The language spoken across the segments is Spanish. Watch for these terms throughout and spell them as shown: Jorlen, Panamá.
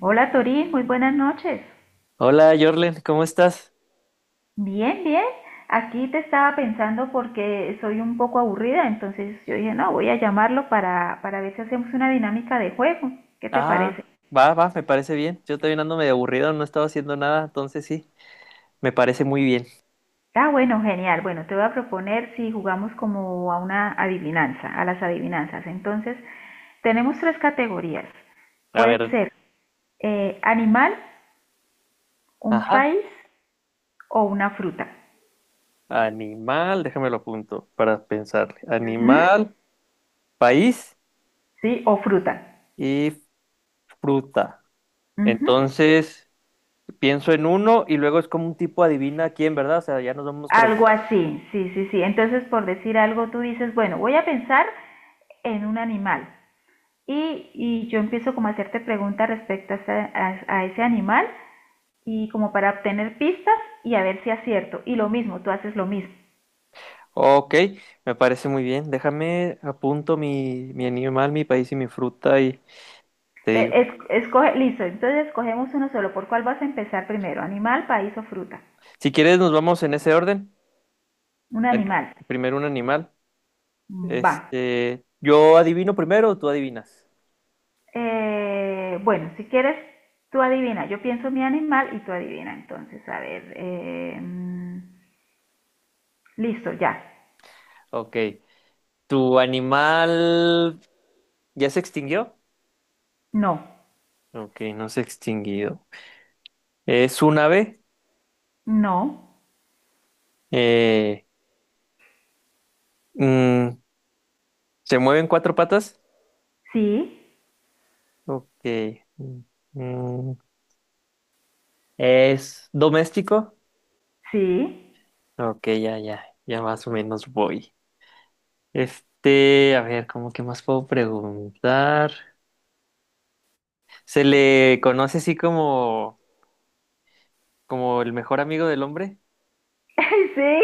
Hola Tori, muy buenas noches. Hola, Jorlen, ¿cómo estás? Bien, bien. Aquí te estaba pensando porque soy un poco aburrida, entonces yo dije, no, voy a llamarlo para ver si hacemos una dinámica de juego. ¿Qué te parece? Ah, va, me parece bien. Yo también ando medio aburrido, no estaba haciendo nada, entonces sí, me parece muy bien. Ah, bueno, genial. Bueno, te voy a proponer si jugamos como a una adivinanza, a las adivinanzas. Entonces, tenemos tres categorías. A Puede ver, ser animal, un ajá, país o una fruta. animal, déjame lo apunto para pensar. Ujú. Animal, país Sí, o fruta. y fruta. Ujú. Entonces, pienso en uno y luego es como un tipo adivina quién, ¿verdad? O sea, ya nos vamos Algo preguntando. así, sí, sí, sí. Entonces, por decir algo, tú dices, bueno, voy a pensar en un animal. Y yo empiezo como a hacerte preguntas respecto a, a ese animal y como para obtener pistas y a ver si acierto. Y lo mismo, tú haces lo mismo. Ok, me parece muy bien. Déjame apunto mi animal, mi país y mi fruta y te digo. Escoge, listo, entonces escogemos uno solo. ¿Por cuál vas a empezar primero? ¿Animal, país o fruta? Si quieres, nos vamos en ese orden. Un Bueno, animal. primero un animal. Va. Este, yo adivino primero o tú adivinas. Bueno, si quieres, tú adivina. Yo pienso mi animal y tú adivina. Entonces, a ver. Listo, ya. Ok. ¿Tu animal ya se extinguió? No, Ok, no se ha extinguido. ¿Es un ave? no, Eh, mm, ¿Se mueve en cuatro patas? sí, Ok. Mm, mm, ¿Es doméstico? sí, Ok, ya, ya, ya más o menos voy. Este, a ver, ¿cómo que más puedo preguntar? ¿Se le conoce así como, como el mejor amigo del hombre? sí.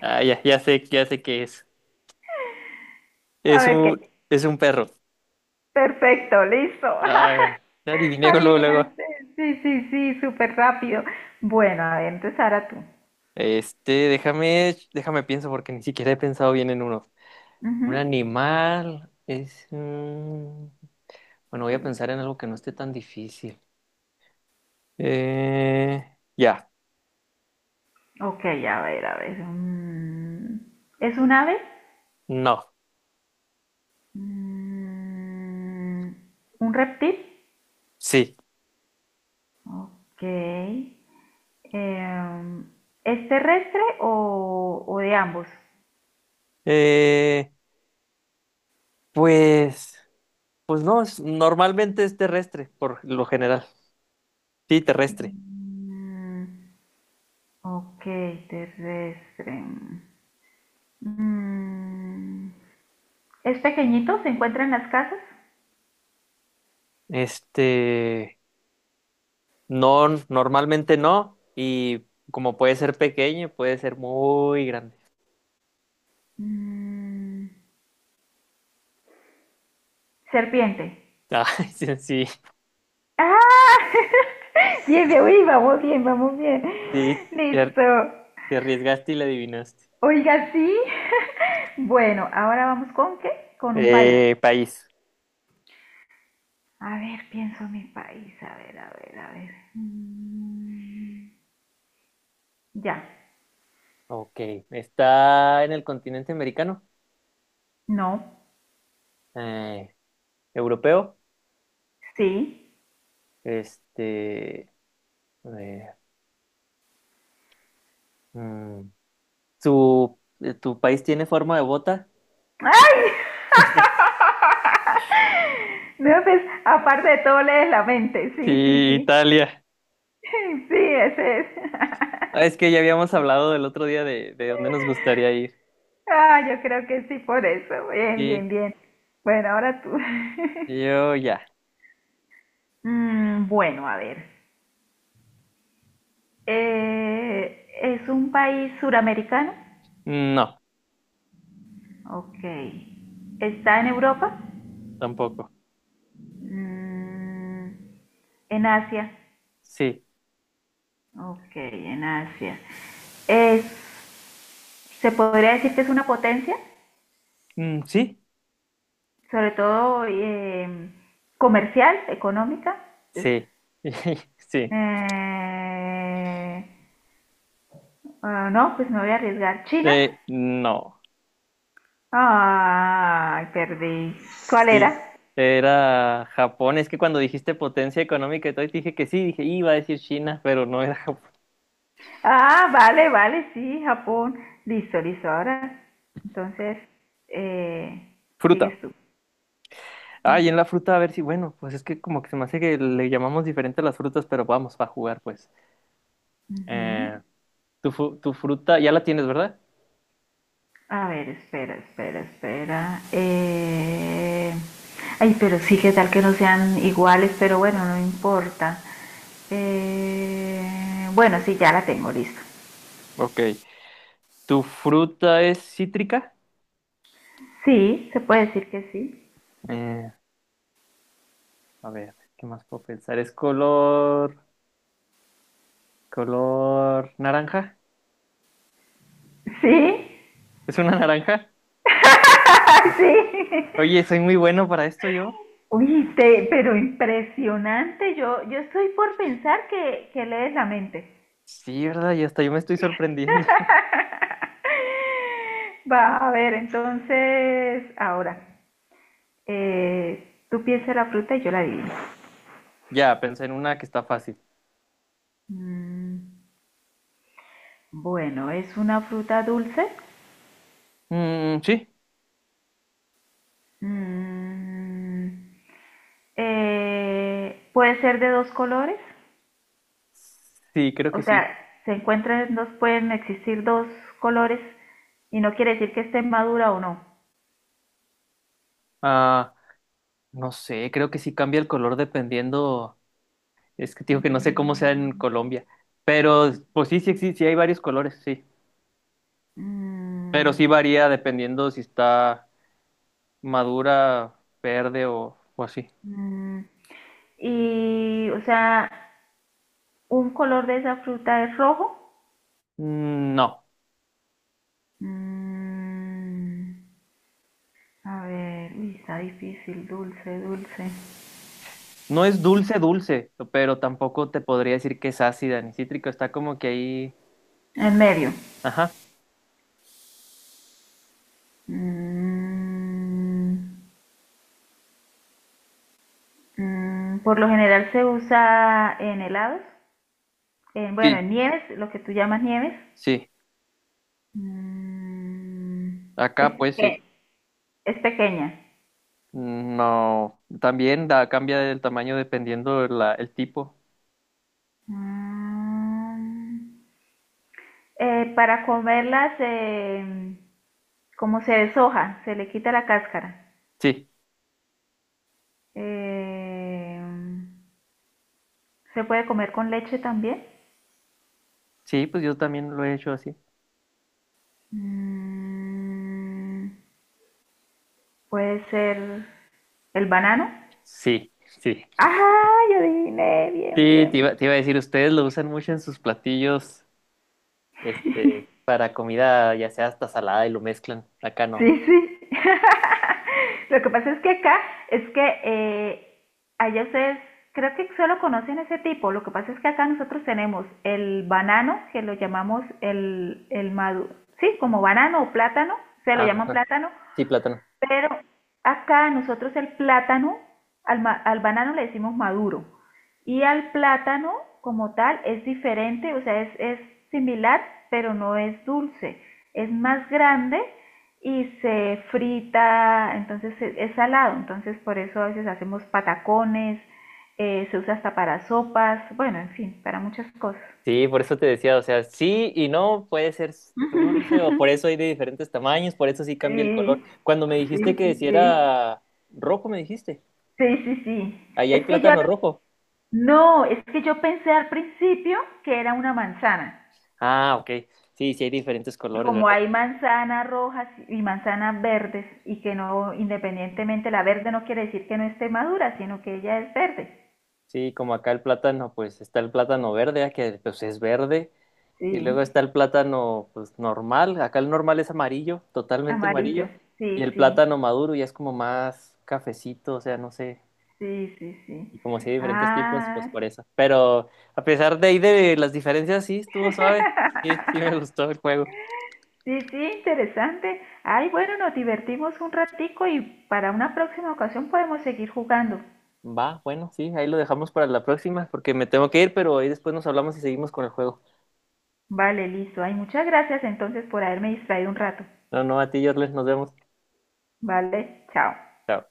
Ah, ya, ya sé qué es. A Es ver qué. un, es un perro. Perfecto, listo. Ah, ya adiviné luego, luego. Adivinaste. Sí, sí, sí, súper rápido. Bueno, a ver, entonces ahora tú. Este, déjame pienso porque ni siquiera he pensado bien en uno. Ujú. Un animal es... bueno, voy a pensar en algo que no esté tan difícil. Eh, ya, Ok, a ver, a ver. ¿Es un ave? no, Mm, ¿Un reptil? sí. Ok. em, ¿Es terrestre o de ambos? Eh, pues, pues no, es- normalmente es terrestre, por lo general. Sí, terrestre. Mm, Ok, terrestre. Mm, ¿Es pequeñito? ¿Se encuentra en las casas? Este... No, normalmente no. Y como puede ser pequeño, puede ser muy grande. Mm, serpiente. Ay, sí, sí, ¡Ah! Bien, bien, uy, vamos bien, vamos bien. sí, te ar- Listo. te arriesgaste y le adivinaste. Oiga, sí. Bueno, ahora vamos ¿con qué? Con un país. País. A ver, pienso en mi país. A ver, a ver, a ver. Ya. Ok. ¿Está en el continente americano? No. Eh, ¿Europeo? Sí. Este. eh, mm, ¿Tu país tiene forma de bota? ¡Ay! No, pues, aparte de todo, lees la mente. Sí, sí, Sí, sí. Italia. Sí, ese es. Ah, es que ya habíamos hablado del otro día de dónde nos gustaría ir. Ah, yo creo que sí, por eso. Bien, bien, Sí, bien. Bueno, ahora tú. yo ya. Bueno, a ver. ¿Es un país suramericano? No, Ok. ¿Está en Europa? tampoco. Mm, en Asia. Sí. Ok, en Asia. Es- ¿Se podría decir que es una potencia? Mm, ¿sí? Sobre todo comercial, económica. Entonces, Sí. Sí. eh, no, pues me voy a arriesgar. China. No. Ay, perdí. ¿Cuál era? Sí. Era Japón. Es que cuando dijiste potencia económica y todo, y te dije que sí, dije, iba a decir China, pero no era Japón. Ah, vale, vale, sí, Japón. Listo, listo. Ahora, entonces, eh, Fruta. sigues tú. Ah, y en la fruta, a ver si, bueno, pues es que como que se me hace que le llamamos diferente a las frutas, pero vamos, va a jugar, pues. Ujú. Eh, tu fruta, ya la tienes, ¿verdad? A ver, espera, espera, espera. Ay, pero sí, que tal que no sean iguales, pero bueno, no importa. Bueno, sí, ya la tengo lista. Ok. ¿Tu fruta es cítrica? Sí, se puede decir que sí. Eh, a ver, ¿qué más puedo pensar? ¿Es color, color naranja? Sí, ¿Es una naranja? sí. Oye, soy muy bueno para esto yo. Uy, pero impresionante. Yo estoy por pensar que lees la mente. Sí, ¿verdad? Y hasta yo me estoy sorprendiendo. Va, a ver, entonces, ahora, tú piensas la fruta y yo la adivino. Ya, pensé en una que está fácil. Mm. Bueno, ¿es una fruta dulce? Mm, sí. Mm, ¿puede ser de dos colores? Sí, creo que O sí. sea, se encuentran dos, pueden existir dos colores y no quiere decir que esté madura o no. Ah, no sé, creo que sí cambia el color dependiendo. Es que te digo que no sé cómo sea en Colombia. Pero, pues sí, sí, sí, sí hay varios colores, sí. Pero Mm, sí varía dependiendo si está madura, verde o así. mm, y, o sea, ¿un color de esa fruta es rojo? Mm, no. Mm, a ver, uy, está difícil, dulce, dulce. No es dulce, dulce, pero tampoco te podría decir que es ácida ni cítrico. Está como que ahí. En medio. Ajá. Mm, por lo general se usa en helados, en, Sí, bueno, en nieves, lo que tú llamas nieves. sí. Mm, es, Acá, pues peque- sí. es pequeña. No. También da, cambia el tamaño dependiendo el tipo. Mm, para comerlas, como se deshoja, se le quita la cáscara. Sí, Eh, se puede comer con leche también. sí, pues yo también lo he hecho así. Mm, puede ser el banano. Sí, sí. ¡Ah! Yo adiviné. Bien, Sí, bien. Te iba a decir, ustedes lo usan mucho en sus platillos, este, para comida, ya sea hasta salada y lo mezclan. Acá no. Sí, sí. Lo que pasa es que acá es que allá se creo que solo conocen ese tipo. Lo que pasa es que acá nosotros tenemos el banano, que lo llamamos el maduro, sí, como banano o plátano, se Ah, lo llaman ajá. plátano, Sí, plátano. pero acá nosotros el plátano, al banano le decimos maduro. Y al plátano como tal es diferente, o sea, es similar, pero no es dulce. Es más grande y se frita, entonces es salado. Entonces por eso a veces hacemos patacones, se usa hasta para sopas, bueno, en fin, para muchas cosas. Sí, por eso te decía, o sea, sí y no, puede ser dulce, o por eso hay de diferentes tamaños, por eso sí cambia el color. Sí, Cuando me sí, dijiste que sí, si sí. era rojo, me dijiste, Sí, sí, sí. ahí hay Es que yo plátano rojo. No, es que yo pensé al principio que era una manzana. Ah, ok, sí, sí hay diferentes Y colores, como ¿verdad? hay manzanas rojas y manzanas verdes, y que no, independientemente, la verde no quiere decir que no esté madura, sino que ella es verde. Sí, como acá el plátano, pues está el plátano verde, ah, que pues es verde, y luego Sí, está el plátano, pues normal, acá el normal es amarillo, totalmente amarillo. amarillo, y Sí, el sí, plátano maduro ya es como más cafecito, o sea, no sé. sí, sí, Y sí. como si hay diferentes tipos, pues Ah, por eso. Pero a pesar de ahí de las diferencias, sí, estuvo suave. Sí, sí me gustó el juego. sí, sí, interesante. Ay, bueno, nos divertimos un ratico y para una próxima ocasión podemos seguir jugando. Va, bueno, sí, ahí lo dejamos para la próxima, porque me tengo que ir, pero ahí después nos hablamos y seguimos con el juego. Vale, listo. Ay, muchas gracias entonces por haberme distraído un rato. No, no, a ti, Jorles, nos vemos. Vale, chao. Chao.